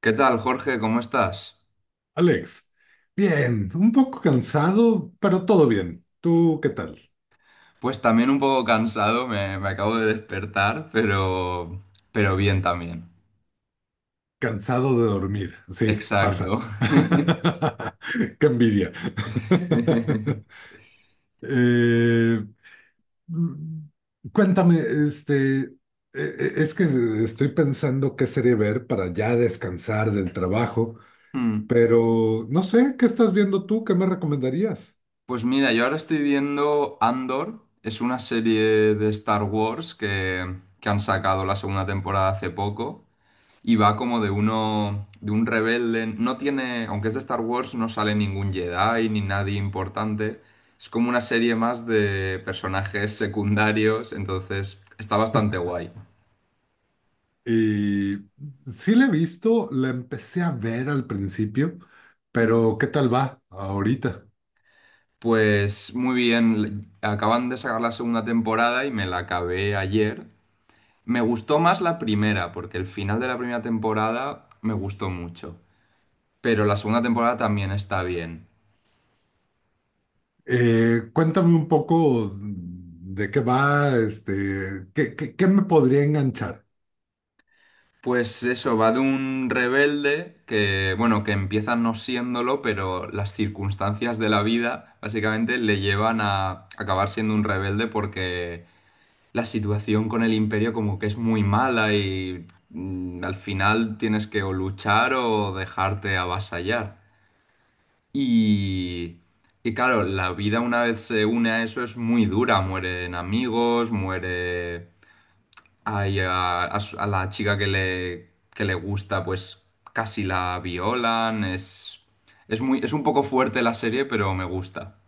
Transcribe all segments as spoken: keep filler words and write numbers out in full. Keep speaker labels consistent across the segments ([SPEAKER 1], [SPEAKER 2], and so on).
[SPEAKER 1] ¿Qué tal, Jorge? ¿Cómo estás?
[SPEAKER 2] Alex, bien, un poco cansado, pero todo bien. ¿Tú qué tal?
[SPEAKER 1] Pues también un poco cansado, me, me acabo de despertar, pero, pero bien también.
[SPEAKER 2] Cansado de dormir, sí, pasa.
[SPEAKER 1] Exacto.
[SPEAKER 2] Qué envidia. Eh, mm, cuéntame, este, e- e- es que estoy pensando qué serie ver para ya descansar del trabajo,
[SPEAKER 1] Hmm.
[SPEAKER 2] pero no sé, ¿qué estás viendo tú? ¿Qué me recomendarías?
[SPEAKER 1] Pues mira, yo ahora estoy viendo Andor, es una serie de Star Wars que, que han sacado la segunda temporada hace poco y va como de uno, de un rebelde. No tiene, aunque es de Star Wars, no sale ningún Jedi ni nadie importante. Es como una serie más de personajes secundarios, entonces está bastante guay.
[SPEAKER 2] Y sí la he visto, la empecé a ver al principio,
[SPEAKER 1] Mm.
[SPEAKER 2] pero ¿qué tal va ahorita?
[SPEAKER 1] Pues muy bien, acaban de sacar la segunda temporada y me la acabé ayer. Me gustó más la primera, porque el final de la primera temporada me gustó mucho. Pero la segunda temporada también está bien.
[SPEAKER 2] Eh, cuéntame un poco de qué va, este, qué, qué- qué me podría enganchar.
[SPEAKER 1] Pues eso, va de un rebelde que, bueno, que empieza no siéndolo, pero las circunstancias de la vida básicamente le llevan a acabar siendo un rebelde porque la situación con el imperio como que es muy mala y mm, al final tienes que o luchar o dejarte avasallar. Y, y claro, la vida una vez se une a eso es muy dura, mueren amigos, muere Ay, a, a su- a la chica que le, que le gusta, pues casi la violan. Es, es muy, es un poco fuerte la serie, pero me gusta.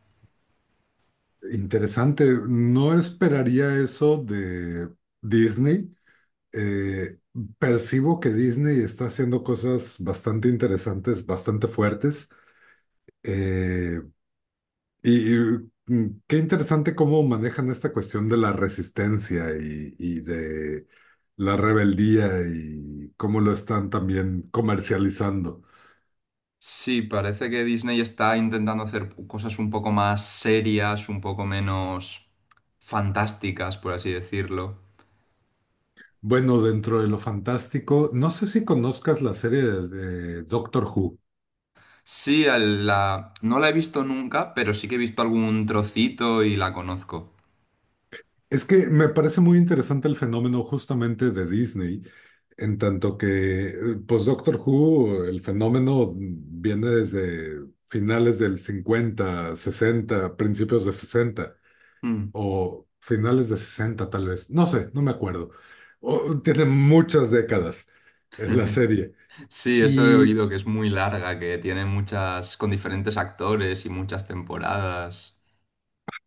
[SPEAKER 2] Interesante, no esperaría eso de Disney. Eh, percibo que Disney está haciendo cosas bastante interesantes, bastante fuertes. Eh, Y, y, mm, qué interesante cómo manejan esta cuestión de la resistencia y, y de la rebeldía y cómo lo están también comercializando.
[SPEAKER 1] Sí, parece que Disney está intentando hacer cosas un poco más serias, un poco menos fantásticas, por así decirlo.
[SPEAKER 2] Bueno, dentro de lo fantástico, no sé si conozcas la serie de, de Doctor Who.
[SPEAKER 1] Sí, el- la, no la he visto nunca, pero sí que he visto algún trocito y la conozco.
[SPEAKER 2] Es que me parece muy interesante el fenómeno justamente de Disney, en tanto que, eh, pues Doctor Who, el fenómeno viene desde finales del cincuenta sesenta principios de sesenta
[SPEAKER 1] Mm.
[SPEAKER 2] o finales de sesenta tal vez, no sé, no me acuerdo. O- tiene muchas décadas es la serie.
[SPEAKER 1] Sí, eso he
[SPEAKER 2] Y,
[SPEAKER 1] oído que es muy larga, que tiene muchas, con diferentes actores y muchas temporadas.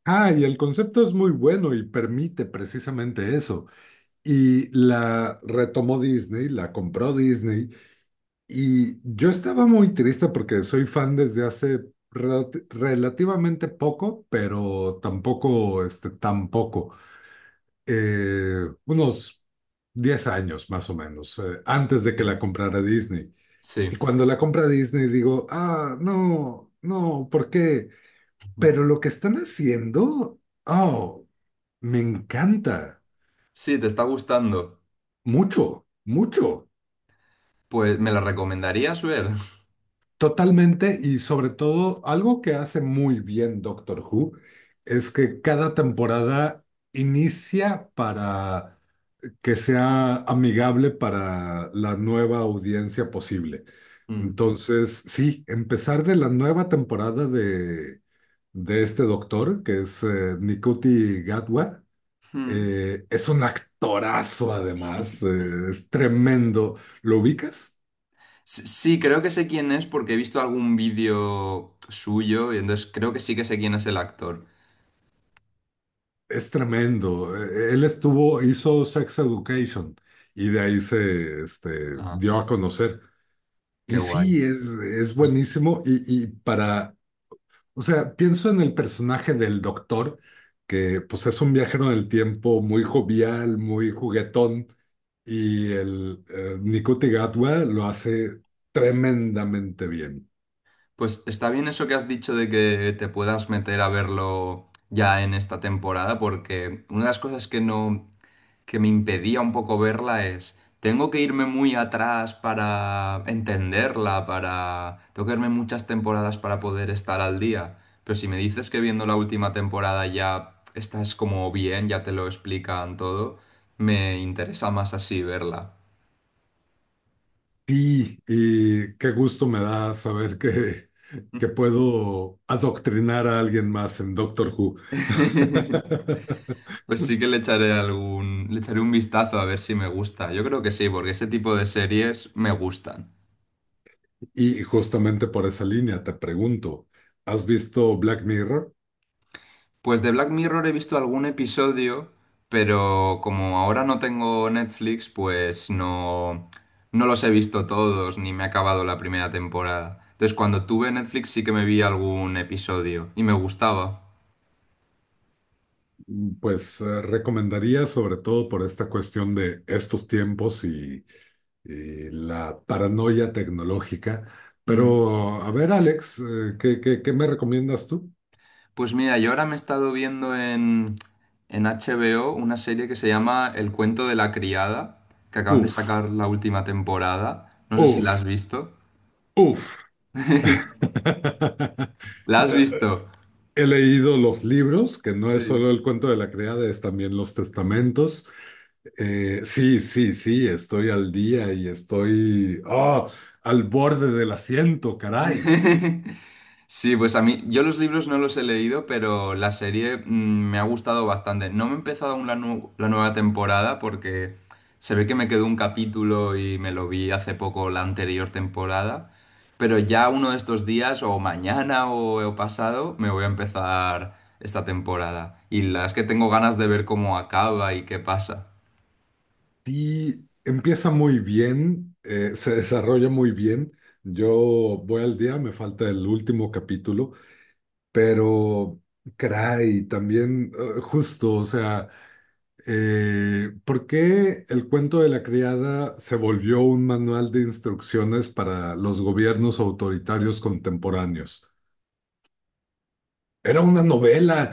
[SPEAKER 2] ah, y el concepto es muy bueno y permite precisamente eso. Y la retomó Disney, la compró Disney. Y yo estaba muy triste porque soy fan desde hace relati- relativamente poco, pero tampoco, este, tampoco. Unos diez años más o menos, eh, antes de que
[SPEAKER 1] Sí,
[SPEAKER 2] la comprara Disney.
[SPEAKER 1] sí,
[SPEAKER 2] Y cuando la compra Disney digo, ah, no, no, ¿por qué? Pero lo que están haciendo, oh, me encanta,
[SPEAKER 1] sí, te está gustando.
[SPEAKER 2] mucho, mucho,
[SPEAKER 1] Pues, ¿me la recomendarías ver?
[SPEAKER 2] totalmente y sobre todo algo que hace muy bien Doctor Who es que cada temporada inicia para que sea amigable para la nueva audiencia posible. Entonces, sí, empezar de la nueva temporada de, de este doctor, que es eh, Nikuti Gatwa,
[SPEAKER 1] Mm. Mm.
[SPEAKER 2] eh, es un actorazo además, eh, es tremendo. ¿Lo ubicas?
[SPEAKER 1] Sí, sí, creo que sé quién es porque he visto algún vídeo suyo y entonces creo que sí que sé quién es el actor.
[SPEAKER 2] Es tremendo. Eh, Él estuvo, hizo Sex Education y de ahí se este,
[SPEAKER 1] Ah,
[SPEAKER 2] dio a conocer.
[SPEAKER 1] qué
[SPEAKER 2] Y
[SPEAKER 1] guay.
[SPEAKER 2] sí, es, es
[SPEAKER 1] Pues,
[SPEAKER 2] buenísimo y, y para... O sea, pienso en el personaje del doctor, que pues es un viajero del tiempo muy jovial, muy juguetón, y el eh, Nikuti Gatwa lo hace tremendamente bien.
[SPEAKER 1] pues está bien eso que has dicho de que te puedas meter a verlo ya en esta temporada porque una de las cosas que no que me impedía un poco verla es, tengo que irme muy atrás para entenderla, para... Tengo que verme muchas temporadas para poder estar al día. Pero si me dices que viendo la última temporada ya estás como bien, ya te lo explican todo, me interesa más así verla.
[SPEAKER 2] Y, y qué gusto me da saber que, que puedo adoctrinar a alguien más en Doctor Who.
[SPEAKER 1] Pues sí que le echaré algún, le echaré un vistazo a ver si me gusta. Yo creo que sí, porque ese tipo de series me gustan.
[SPEAKER 2] Y justamente por esa línea te pregunto, ¿has visto Black Mirror?
[SPEAKER 1] Pues de Black Mirror he visto algún episodio, pero como ahora no tengo Netflix, pues no, no los he visto todos, ni me he acabado la primera temporada. Entonces, cuando tuve Netflix sí que me vi algún episodio y me gustaba.
[SPEAKER 2] Pues eh, recomendaría sobre todo por esta cuestión de estos tiempos y, y la paranoia tecnológica.
[SPEAKER 1] Mm.
[SPEAKER 2] Pero a ver, Alex, eh, ¿qué, qué, ¿qué me recomiendas tú?
[SPEAKER 1] Pues mira, yo ahora me he estado viendo en, en H B O una serie que se llama El cuento de la criada, que acaban de
[SPEAKER 2] Uf,
[SPEAKER 1] sacar la última temporada. No sé si la
[SPEAKER 2] uf,
[SPEAKER 1] has visto.
[SPEAKER 2] uf.
[SPEAKER 1] ¿La has
[SPEAKER 2] Eh,
[SPEAKER 1] visto?
[SPEAKER 2] he leído los libros, que no es solo
[SPEAKER 1] Sí.
[SPEAKER 2] el cuento de la criada, es también los testamentos. Eh, sí, sí, sí, estoy al día y estoy ah, al borde del asiento, caray.
[SPEAKER 1] Sí, pues a mí, yo los libros no los he leído, pero la serie mm, me ha gustado bastante. No me he empezado aún la, nu- la nueva temporada porque se ve que me quedó un capítulo y me lo vi hace poco la anterior temporada, pero ya uno de estos días o mañana o, o pasado me voy a empezar esta temporada. Y las que tengo ganas de ver cómo acaba y qué pasa.
[SPEAKER 2] Y empieza muy bien, eh, se desarrolla muy bien. Yo voy al día, me falta el último capítulo, pero caray, también eh, justo, o sea, eh, ¿por qué el cuento de la criada se volvió un manual de instrucciones para los gobiernos autoritarios contemporáneos? Era una novela.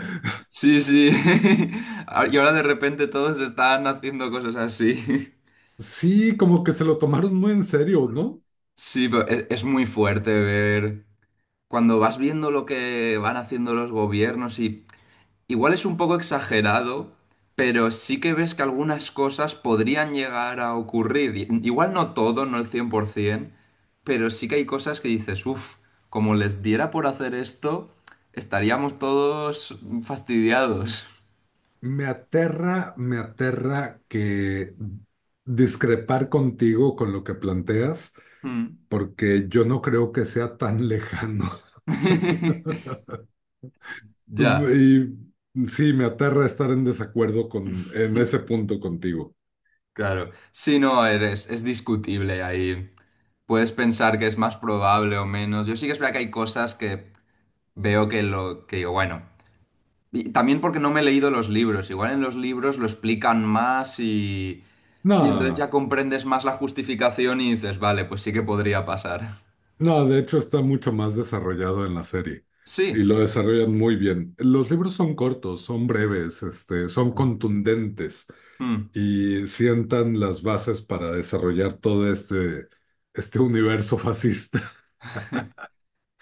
[SPEAKER 1] Sí, sí. Y ahora de repente todos están haciendo cosas así.
[SPEAKER 2] Sí, como que se lo tomaron muy en serio, ¿no?
[SPEAKER 1] Sí, pero es, es muy fuerte ver cuando vas viendo lo que van haciendo los gobiernos y igual es un poco exagerado, pero sí que ves que algunas cosas podrían llegar a ocurrir. I- Igual no todo, no el cien por ciento, pero sí que hay cosas que dices, uff, como les diera por hacer esto, estaríamos todos fastidiados.
[SPEAKER 2] Me aterra, me aterra que discrepar contigo con lo que planteas,
[SPEAKER 1] Mm.
[SPEAKER 2] porque yo no creo que sea tan lejano.
[SPEAKER 1] Ya,
[SPEAKER 2] Y sí, me aterra estar en desacuerdo con, en ese punto contigo.
[SPEAKER 1] claro. Si no, eres, es discutible ahí. Puedes pensar que es más probable o menos. Yo sí que es verdad que hay cosas que veo que lo que digo, bueno. Y también porque no me he leído los libros. Igual en los libros lo explican más y, y entonces ya
[SPEAKER 2] No,
[SPEAKER 1] comprendes más la justificación y dices, vale, pues sí que podría pasar.
[SPEAKER 2] no, de hecho está mucho más desarrollado en la serie y
[SPEAKER 1] Sí.
[SPEAKER 2] lo desarrollan muy bien. Los libros son cortos, son breves, este, son
[SPEAKER 1] Ah.
[SPEAKER 2] contundentes.
[SPEAKER 1] Mm.
[SPEAKER 2] Y sientan las bases para desarrollar todo este, este universo fascista.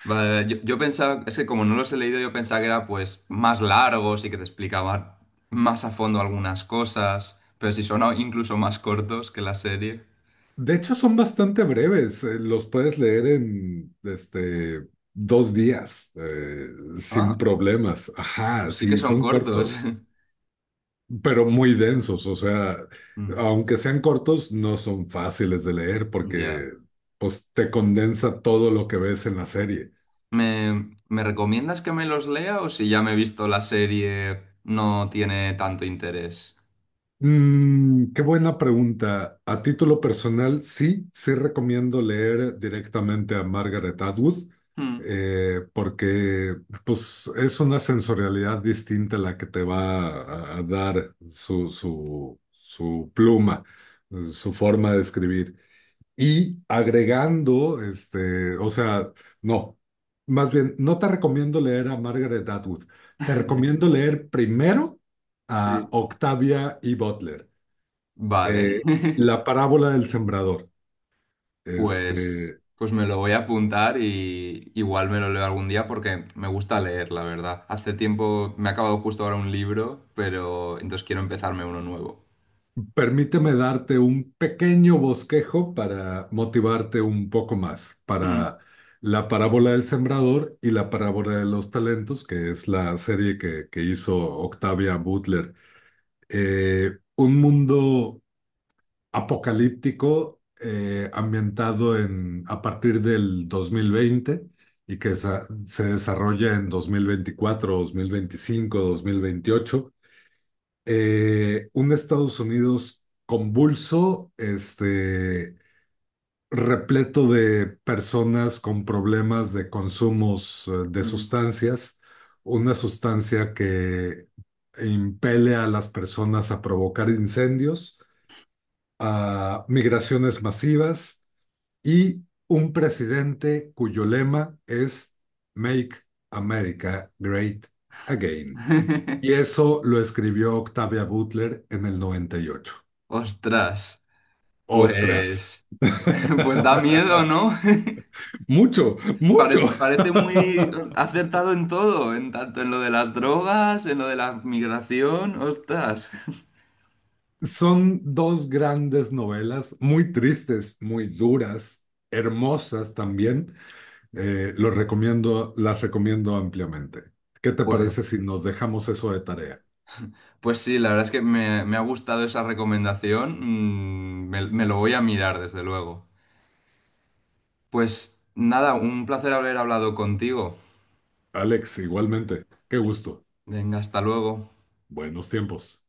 [SPEAKER 1] Vale, vale. yo, yo pensaba, es que como no los he leído, yo pensaba que era pues más largos y que te explicaban más a fondo algunas cosas, pero si son a- incluso más cortos que la serie.
[SPEAKER 2] De hecho, son bastante breves, eh, los puedes leer en este, dos días, eh, sin
[SPEAKER 1] Ah,
[SPEAKER 2] problemas. Ajá,
[SPEAKER 1] pues sí que
[SPEAKER 2] sí,
[SPEAKER 1] son
[SPEAKER 2] son
[SPEAKER 1] cortos.
[SPEAKER 2] cortos, pero muy densos, o sea,
[SPEAKER 1] Mm.
[SPEAKER 2] aunque sean cortos, no son fáciles de leer
[SPEAKER 1] Ya.
[SPEAKER 2] porque pues, te condensa todo lo que ves en la serie.
[SPEAKER 1] ¿Me, me recomiendas que me los lea o si ya me he visto la serie no tiene tanto interés?
[SPEAKER 2] Mm, qué buena pregunta. A título personal, sí, sí recomiendo leer directamente a Margaret Atwood,
[SPEAKER 1] Hmm.
[SPEAKER 2] eh, porque pues, es una sensorialidad distinta la que te va a, a dar su, su, su pluma, eh, su forma de escribir. Y agregando, este, o sea, no, más bien, no te recomiendo leer a Margaret Atwood, te recomiendo leer primero a
[SPEAKER 1] Sí.
[SPEAKER 2] Octavia E. Butler,
[SPEAKER 1] Vale.
[SPEAKER 2] eh, La parábola del sembrador.
[SPEAKER 1] Pues,
[SPEAKER 2] Este,
[SPEAKER 1] pues me lo voy a apuntar y igual me lo leo algún día porque me gusta leer, la verdad. Hace tiempo me ha acabado justo ahora un libro, pero entonces quiero empezarme uno nuevo.
[SPEAKER 2] permíteme darte un pequeño bosquejo para motivarte un poco más
[SPEAKER 1] Hmm.
[SPEAKER 2] para la parábola del sembrador y la parábola de los talentos, que es la serie que, que hizo Octavia Butler, eh, un mundo apocalíptico, eh, ambientado en, a partir del dos mil veinte y que sa- se desarrolla en dos mil veinticuatro, dos mil veinticinco, dos mil veinticuatro dos mil veinticuatro, dos mil veinticinco, dos mil veintiocho. Eh, un Estados Unidos convulso, este, repleto de personas con problemas de consumos eh, de
[SPEAKER 1] Mm.
[SPEAKER 2] sustancias, una sustancia que impele a las personas a provocar incendios a migraciones masivas y un presidente cuyo lema es Make America Great Again. Y eso lo escribió Octavia Butler en el noventa y ocho.
[SPEAKER 1] Ostras,
[SPEAKER 2] ¡Ostras!
[SPEAKER 1] pues, pues da miedo, ¿no?
[SPEAKER 2] Mucho, mucho.
[SPEAKER 1] Parece, parece muy acertado en todo, en tanto en lo de las drogas, en lo de la migración, ostras.
[SPEAKER 2] Son dos grandes novelas, muy tristes, muy duras, hermosas también. Eh, los recomiendo, las recomiendo ampliamente. ¿Qué te
[SPEAKER 1] Pues,
[SPEAKER 2] parece si nos dejamos eso de tarea?
[SPEAKER 1] pues sí, la verdad es que me, me ha gustado esa recomendación. mm, me, me lo voy a mirar, desde luego. Pues nada, un placer haber hablado contigo.
[SPEAKER 2] Alex, igualmente. Qué gusto.
[SPEAKER 1] Venga, hasta luego.
[SPEAKER 2] Buenos tiempos.